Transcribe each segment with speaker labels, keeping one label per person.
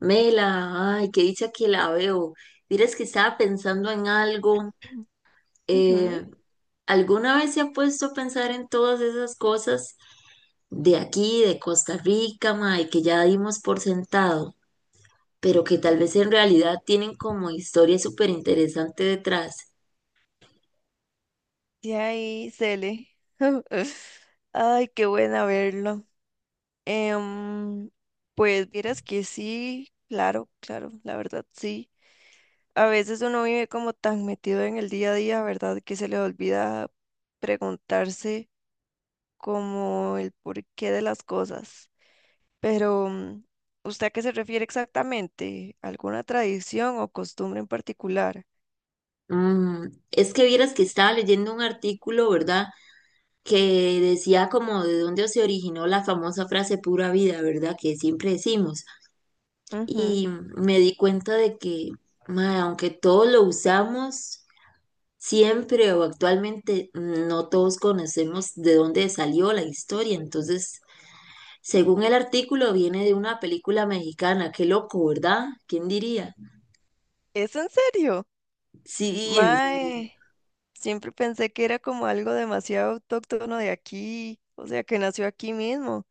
Speaker 1: Mela, ay, qué dicha que la veo. Dirás que estaba pensando en algo.
Speaker 2: Ujú.
Speaker 1: eh, ¿Alguna vez se ha puesto a pensar en todas esas cosas de aquí, de Costa Rica, mae, que ya dimos por sentado, pero que tal vez en realidad tienen como historia súper interesante detrás?
Speaker 2: Y ahí, Cele. Ay, qué buena verlo. Em, pues vieras que sí, claro, claro, la verdad sí. A veces uno vive como tan metido en el día a día, ¿verdad? Que se le olvida preguntarse como el porqué de las cosas. Pero ¿usted a qué se refiere exactamente? ¿Alguna tradición o costumbre en particular?
Speaker 1: Mm, es que vieras que estaba leyendo un artículo, ¿verdad? Que decía como de dónde se originó la famosa frase pura vida, ¿verdad? Que siempre decimos.
Speaker 2: Ujú.
Speaker 1: Y me di cuenta de que, mae, aunque todos lo usamos, siempre o actualmente no todos conocemos de dónde salió la historia. Entonces, según el artículo, viene de una película mexicana. Qué loco, ¿verdad? ¿Quién diría?
Speaker 2: ¿Es en serio?
Speaker 1: Sí, en serio.
Speaker 2: Mae. Siempre pensé que era como algo demasiado autóctono de aquí, o sea, que nació aquí mismo.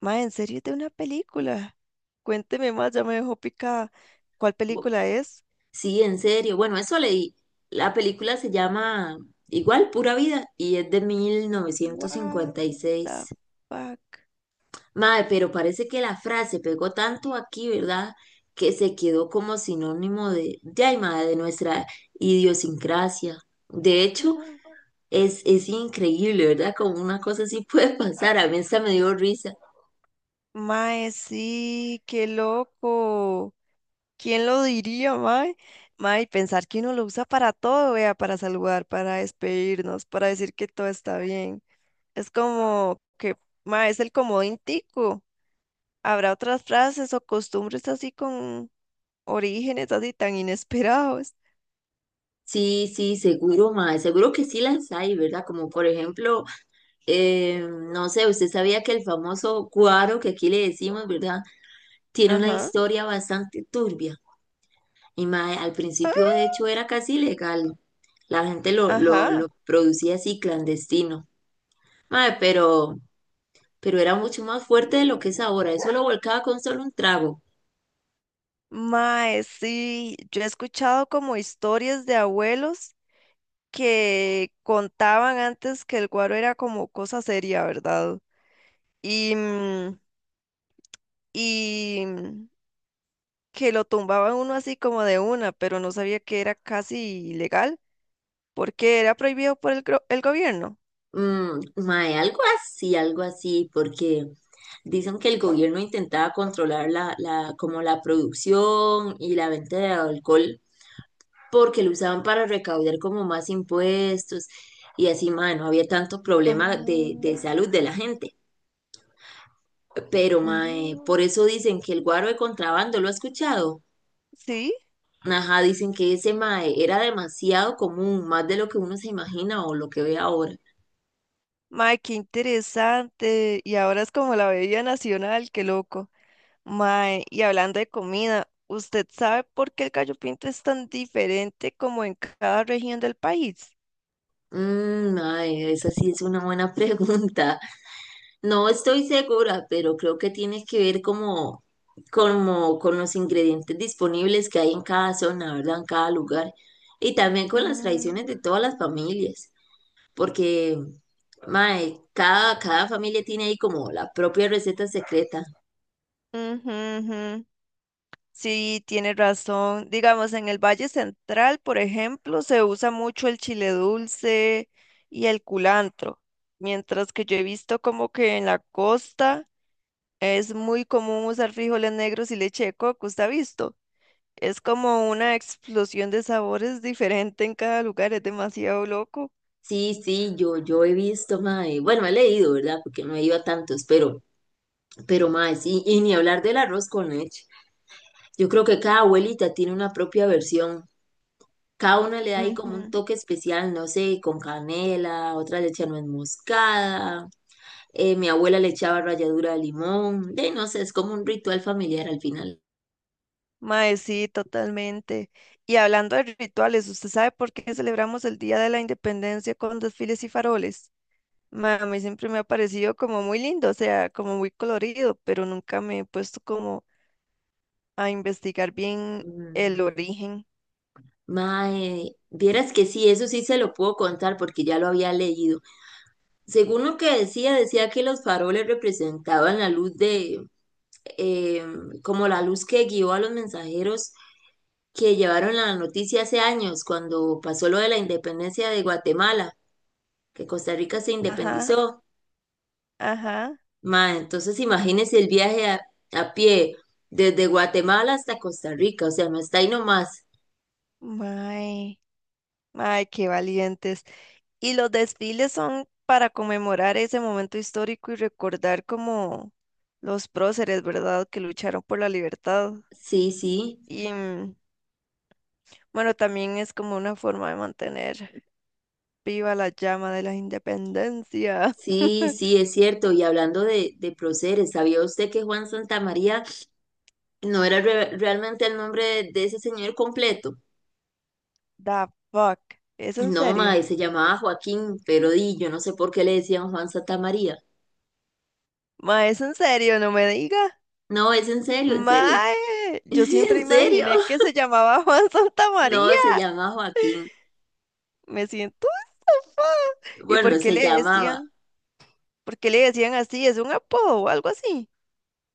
Speaker 2: Ma, en serio, es de una película. Cuénteme más, ya me dejó picada. ¿Cuál
Speaker 1: Bu-
Speaker 2: película es?
Speaker 1: Sí, en serio. Bueno, eso leí. La película se llama igual, Pura Vida, y es de
Speaker 2: What the
Speaker 1: 1956.
Speaker 2: fuck?
Speaker 1: Mae, pero parece que la frase pegó tanto aquí, ¿verdad? Que se quedó como sinónimo ay, mae, de nuestra idiosincrasia. De hecho,
Speaker 2: Ah.
Speaker 1: es increíble, ¿verdad? Como una cosa así puede pasar. A mí esta me dio risa.
Speaker 2: Mae, sí, qué loco. ¿Quién lo diría, mae? Mae, pensar que uno lo usa para todo, vea, para saludar, para despedirnos, para decir que todo está bien. Es como que, mae, es el comodín tico. Habrá otras frases o costumbres así con orígenes así tan inesperados.
Speaker 1: Sí, sí, seguro, mae. Seguro que sí las hay, ¿verdad? Como por ejemplo, eh, no sé, ¿usted sabía que el famoso cuaro que aquí le decimos, ¿verdad? Tiene una
Speaker 2: Ajá,
Speaker 1: historia bastante turbia. Y mae, al principio de hecho era casi ilegal. La gente lo, lo,
Speaker 2: ajá.
Speaker 1: lo producía así clandestino. Mae, pero era mucho más fuerte de lo que es ahora. Eso lo volcaba con solo un trago.
Speaker 2: Mae, sí, yo he escuchado como historias de abuelos que contaban antes que el guaro era como cosa seria, ¿verdad? Y, mm, y que lo tumbaban uno así como de una, pero no sabía que era casi ilegal porque era prohibido por el gobierno.
Speaker 1: Mm, mae, algo así, porque dicen que el gobierno intentaba controlar como la producción y la venta de alcohol porque lo usaban para recaudar como más impuestos y así, mae, no había tanto problema
Speaker 2: Ajá,
Speaker 1: de salud de la gente. Pero, mae,
Speaker 2: ajá.
Speaker 1: por eso dicen que el guaro de contrabando, ¿lo ha escuchado?
Speaker 2: Sí.
Speaker 1: Ajá, dicen que ese mae era demasiado común, más de lo que uno se imagina o lo que ve ahora.
Speaker 2: Mae, qué interesante. Y ahora es como la bebida nacional, qué loco. Mae, y hablando de comida, ¿usted sabe por qué el gallo pinto es tan diferente como en cada región del país?
Speaker 1: Mmm, mae, esa sí es una buena pregunta. No estoy segura, pero creo que tiene que ver como con los ingredientes disponibles que hay en cada zona, ¿verdad? En cada lugar. Y también con las tradiciones
Speaker 2: Mm,
Speaker 1: de todas las familias, porque, mae, cada familia tiene ahí como la propia receta secreta.
Speaker 2: ujú, ujú. Sí, tiene razón. Digamos, en el Valle Central, por ejemplo, se usa mucho el chile dulce y el culantro, mientras que yo he visto como que en la costa es muy común usar frijoles negros y leche de coco. ¿Usted ha visto? Es como una explosión de sabores diferente en cada lugar, es demasiado loco.
Speaker 1: Sí, sí, yo he visto, mae, bueno, he leído, ¿verdad? Porque no he ido a tantos, pero, mae, sí, y ni hablar del arroz con leche. Yo creo que cada abuelita tiene una propia versión. Cada una le da ahí como un
Speaker 2: Ujú.
Speaker 1: toque especial, no sé, con canela, otra le echa nuez moscada, mi abuela le echaba ralladura de limón, de no sé, es como un ritual familiar al final.
Speaker 2: Mae, sí, totalmente. Y hablando de rituales, ¿usted sabe por qué celebramos el Día de la Independencia con desfiles y faroles? Mae, a mí siempre me ha parecido como muy lindo, o sea, como muy colorido, pero nunca me he puesto como a investigar bien
Speaker 1: Mm,
Speaker 2: el origen.
Speaker 1: mae, vieras que sí, eso sí se lo puedo contar porque ya lo había leído. Según lo que decía, decía que los faroles representaban la luz de, eh, como la luz que guió a los mensajeros que llevaron la noticia hace años, cuando pasó lo de la independencia de Guatemala, que Costa Rica se
Speaker 2: Ajá,
Speaker 1: independizó.
Speaker 2: ajá.
Speaker 1: Ma, entonces imagínese el viaje a pie desde Guatemala hasta Costa Rica, o sea, no está ahí nomás.
Speaker 2: Mae. Ay, qué valientes. Y los desfiles son para conmemorar ese momento histórico y recordar como los próceres, ¿verdad? Que lucharon por la libertad.
Speaker 1: Sí, sí,
Speaker 2: Y bueno, también es como una forma de mantener viva la llama de la independencia.
Speaker 1: sí, sí, es cierto. Y hablando de próceres, ¿sabía usted que Juan Santamaría no era realmente el nombre de ese señor completo?
Speaker 2: The fuck. ¿Es en
Speaker 1: No,
Speaker 2: serio?
Speaker 1: mae, se llamaba Joaquín, pero di, yo no sé por qué le decían Juan Santa María.
Speaker 2: Ma, es en serio, no me diga.
Speaker 1: No, es en serio, en serio.
Speaker 2: Ma, yo siempre
Speaker 1: ¿En serio?
Speaker 2: imaginé que se llamaba Juan Santamaría.
Speaker 1: No, se llama Joaquín.
Speaker 2: Me siento estafada. ¿Y
Speaker 1: Bueno,
Speaker 2: por qué
Speaker 1: se
Speaker 2: le
Speaker 1: llamaba.
Speaker 2: decían? ¿Por qué le decían así? ¿Es un apodo o algo así?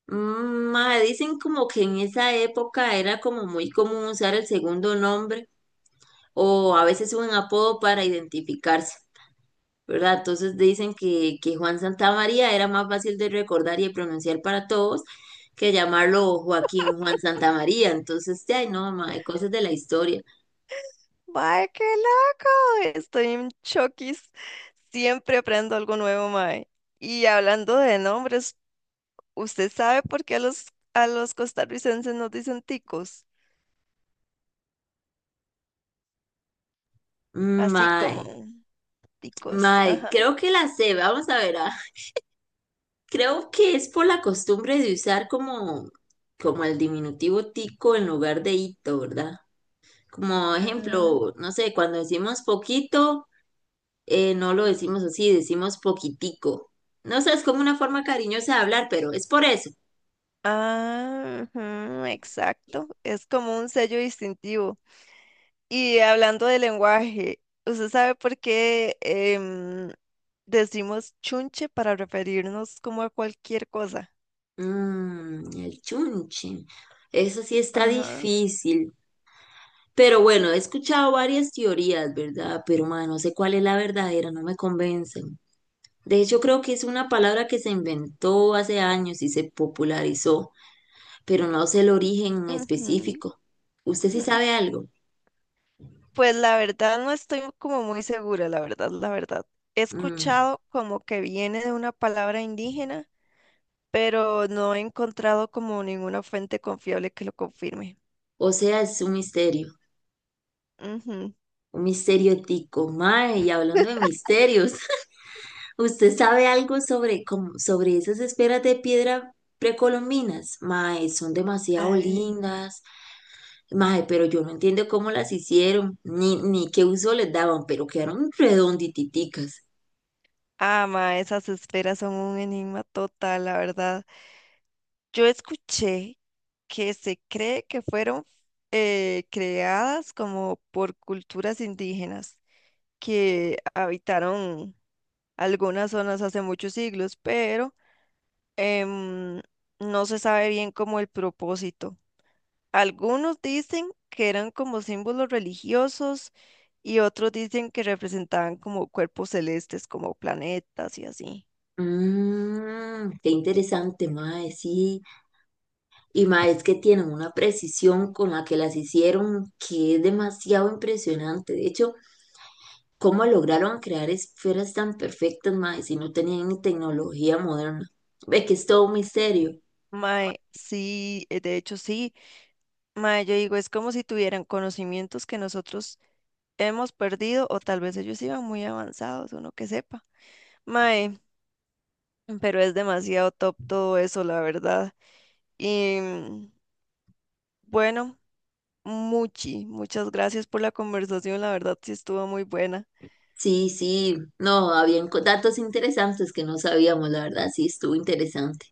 Speaker 1: Mm, mae, dicen como que en esa época era como muy común usar el segundo nombre o a veces un apodo para identificarse. ¿Verdad? Entonces dicen que Juan Santamaría era más fácil de recordar y de pronunciar para todos que llamarlo Joaquín Juan Santamaría. Entonces, ay, no, mae, cosas de la historia.
Speaker 2: ¡Mae, qué loco! Estoy en choquis. Siempre aprendo algo nuevo, mae. Y hablando de nombres, ¿usted sabe por qué a a los costarricenses nos dicen ticos? Así como
Speaker 1: Mae,
Speaker 2: ticos,
Speaker 1: mae,
Speaker 2: ajá.
Speaker 1: creo que la sé, vamos a ver. Ah. Creo que es por la costumbre de usar como el diminutivo tico en lugar de hito, ¿verdad? Como
Speaker 2: Ah,
Speaker 1: ejemplo, no sé, cuando decimos poquito. No lo decimos así, decimos poquitico. No sé, es como una forma cariñosa de hablar, pero es por eso.
Speaker 2: ah, ujú, exacto. Es como un sello distintivo. Y hablando de lenguaje, ¿usted sabe por qué em, decimos chunche para referirnos como a cualquier cosa?
Speaker 1: Mm, el chunche. Eso sí está
Speaker 2: Ajá.
Speaker 1: difícil. Pero bueno, he escuchado varias teorías, ¿verdad? Pero ma, no sé cuál es la verdadera, no me convencen. De hecho, creo que es una palabra que se inventó hace años y se popularizó, pero no sé el origen
Speaker 2: ujú.
Speaker 1: específico. ¿Usted sí sabe algo?
Speaker 2: Pues la verdad no estoy como muy segura, la verdad, la verdad. He
Speaker 1: Mm,
Speaker 2: escuchado como que viene de una palabra indígena, pero no he encontrado como ninguna fuente confiable que lo confirme.
Speaker 1: o sea, es un misterio.
Speaker 2: Ujú.
Speaker 1: Un misterio tico, mae, y hablando de misterios, ¿usted sabe algo sobre, como, sobre esas esferas de piedra precolombinas? Mae, son demasiado
Speaker 2: Ay.
Speaker 1: lindas, mae, pero yo no entiendo cómo las hicieron, ni qué uso les daban, pero quedaron redondititicas.
Speaker 2: Ah, ma, esas esferas son un enigma total, la verdad. Yo escuché que se cree que fueron creadas como por culturas indígenas que habitaron algunas zonas hace muchos siglos, pero em, no se sabe bien cómo el propósito. Algunos dicen que eran como símbolos religiosos y otros dicen que representaban como cuerpos celestes, como planetas y así.
Speaker 1: Mmm, qué interesante, mae, sí. Y mae, es que tienen una precisión con la que las hicieron que es demasiado impresionante. De hecho, ¿cómo lograron crear esferas tan perfectas, mae, si no tenían ni tecnología moderna? Ve que es todo un misterio.
Speaker 2: Mae, sí, de hecho sí. Mae, yo digo, es como si tuvieran conocimientos que nosotros hemos perdido o tal vez ellos iban muy avanzados, uno que sepa. Mae, pero es demasiado top todo eso, la verdad. Y bueno, muchas gracias por la conversación, la verdad sí estuvo muy buena.
Speaker 1: Sí, sí, no, habían datos interesantes que no sabíamos, la verdad, sí, estuvo interesante.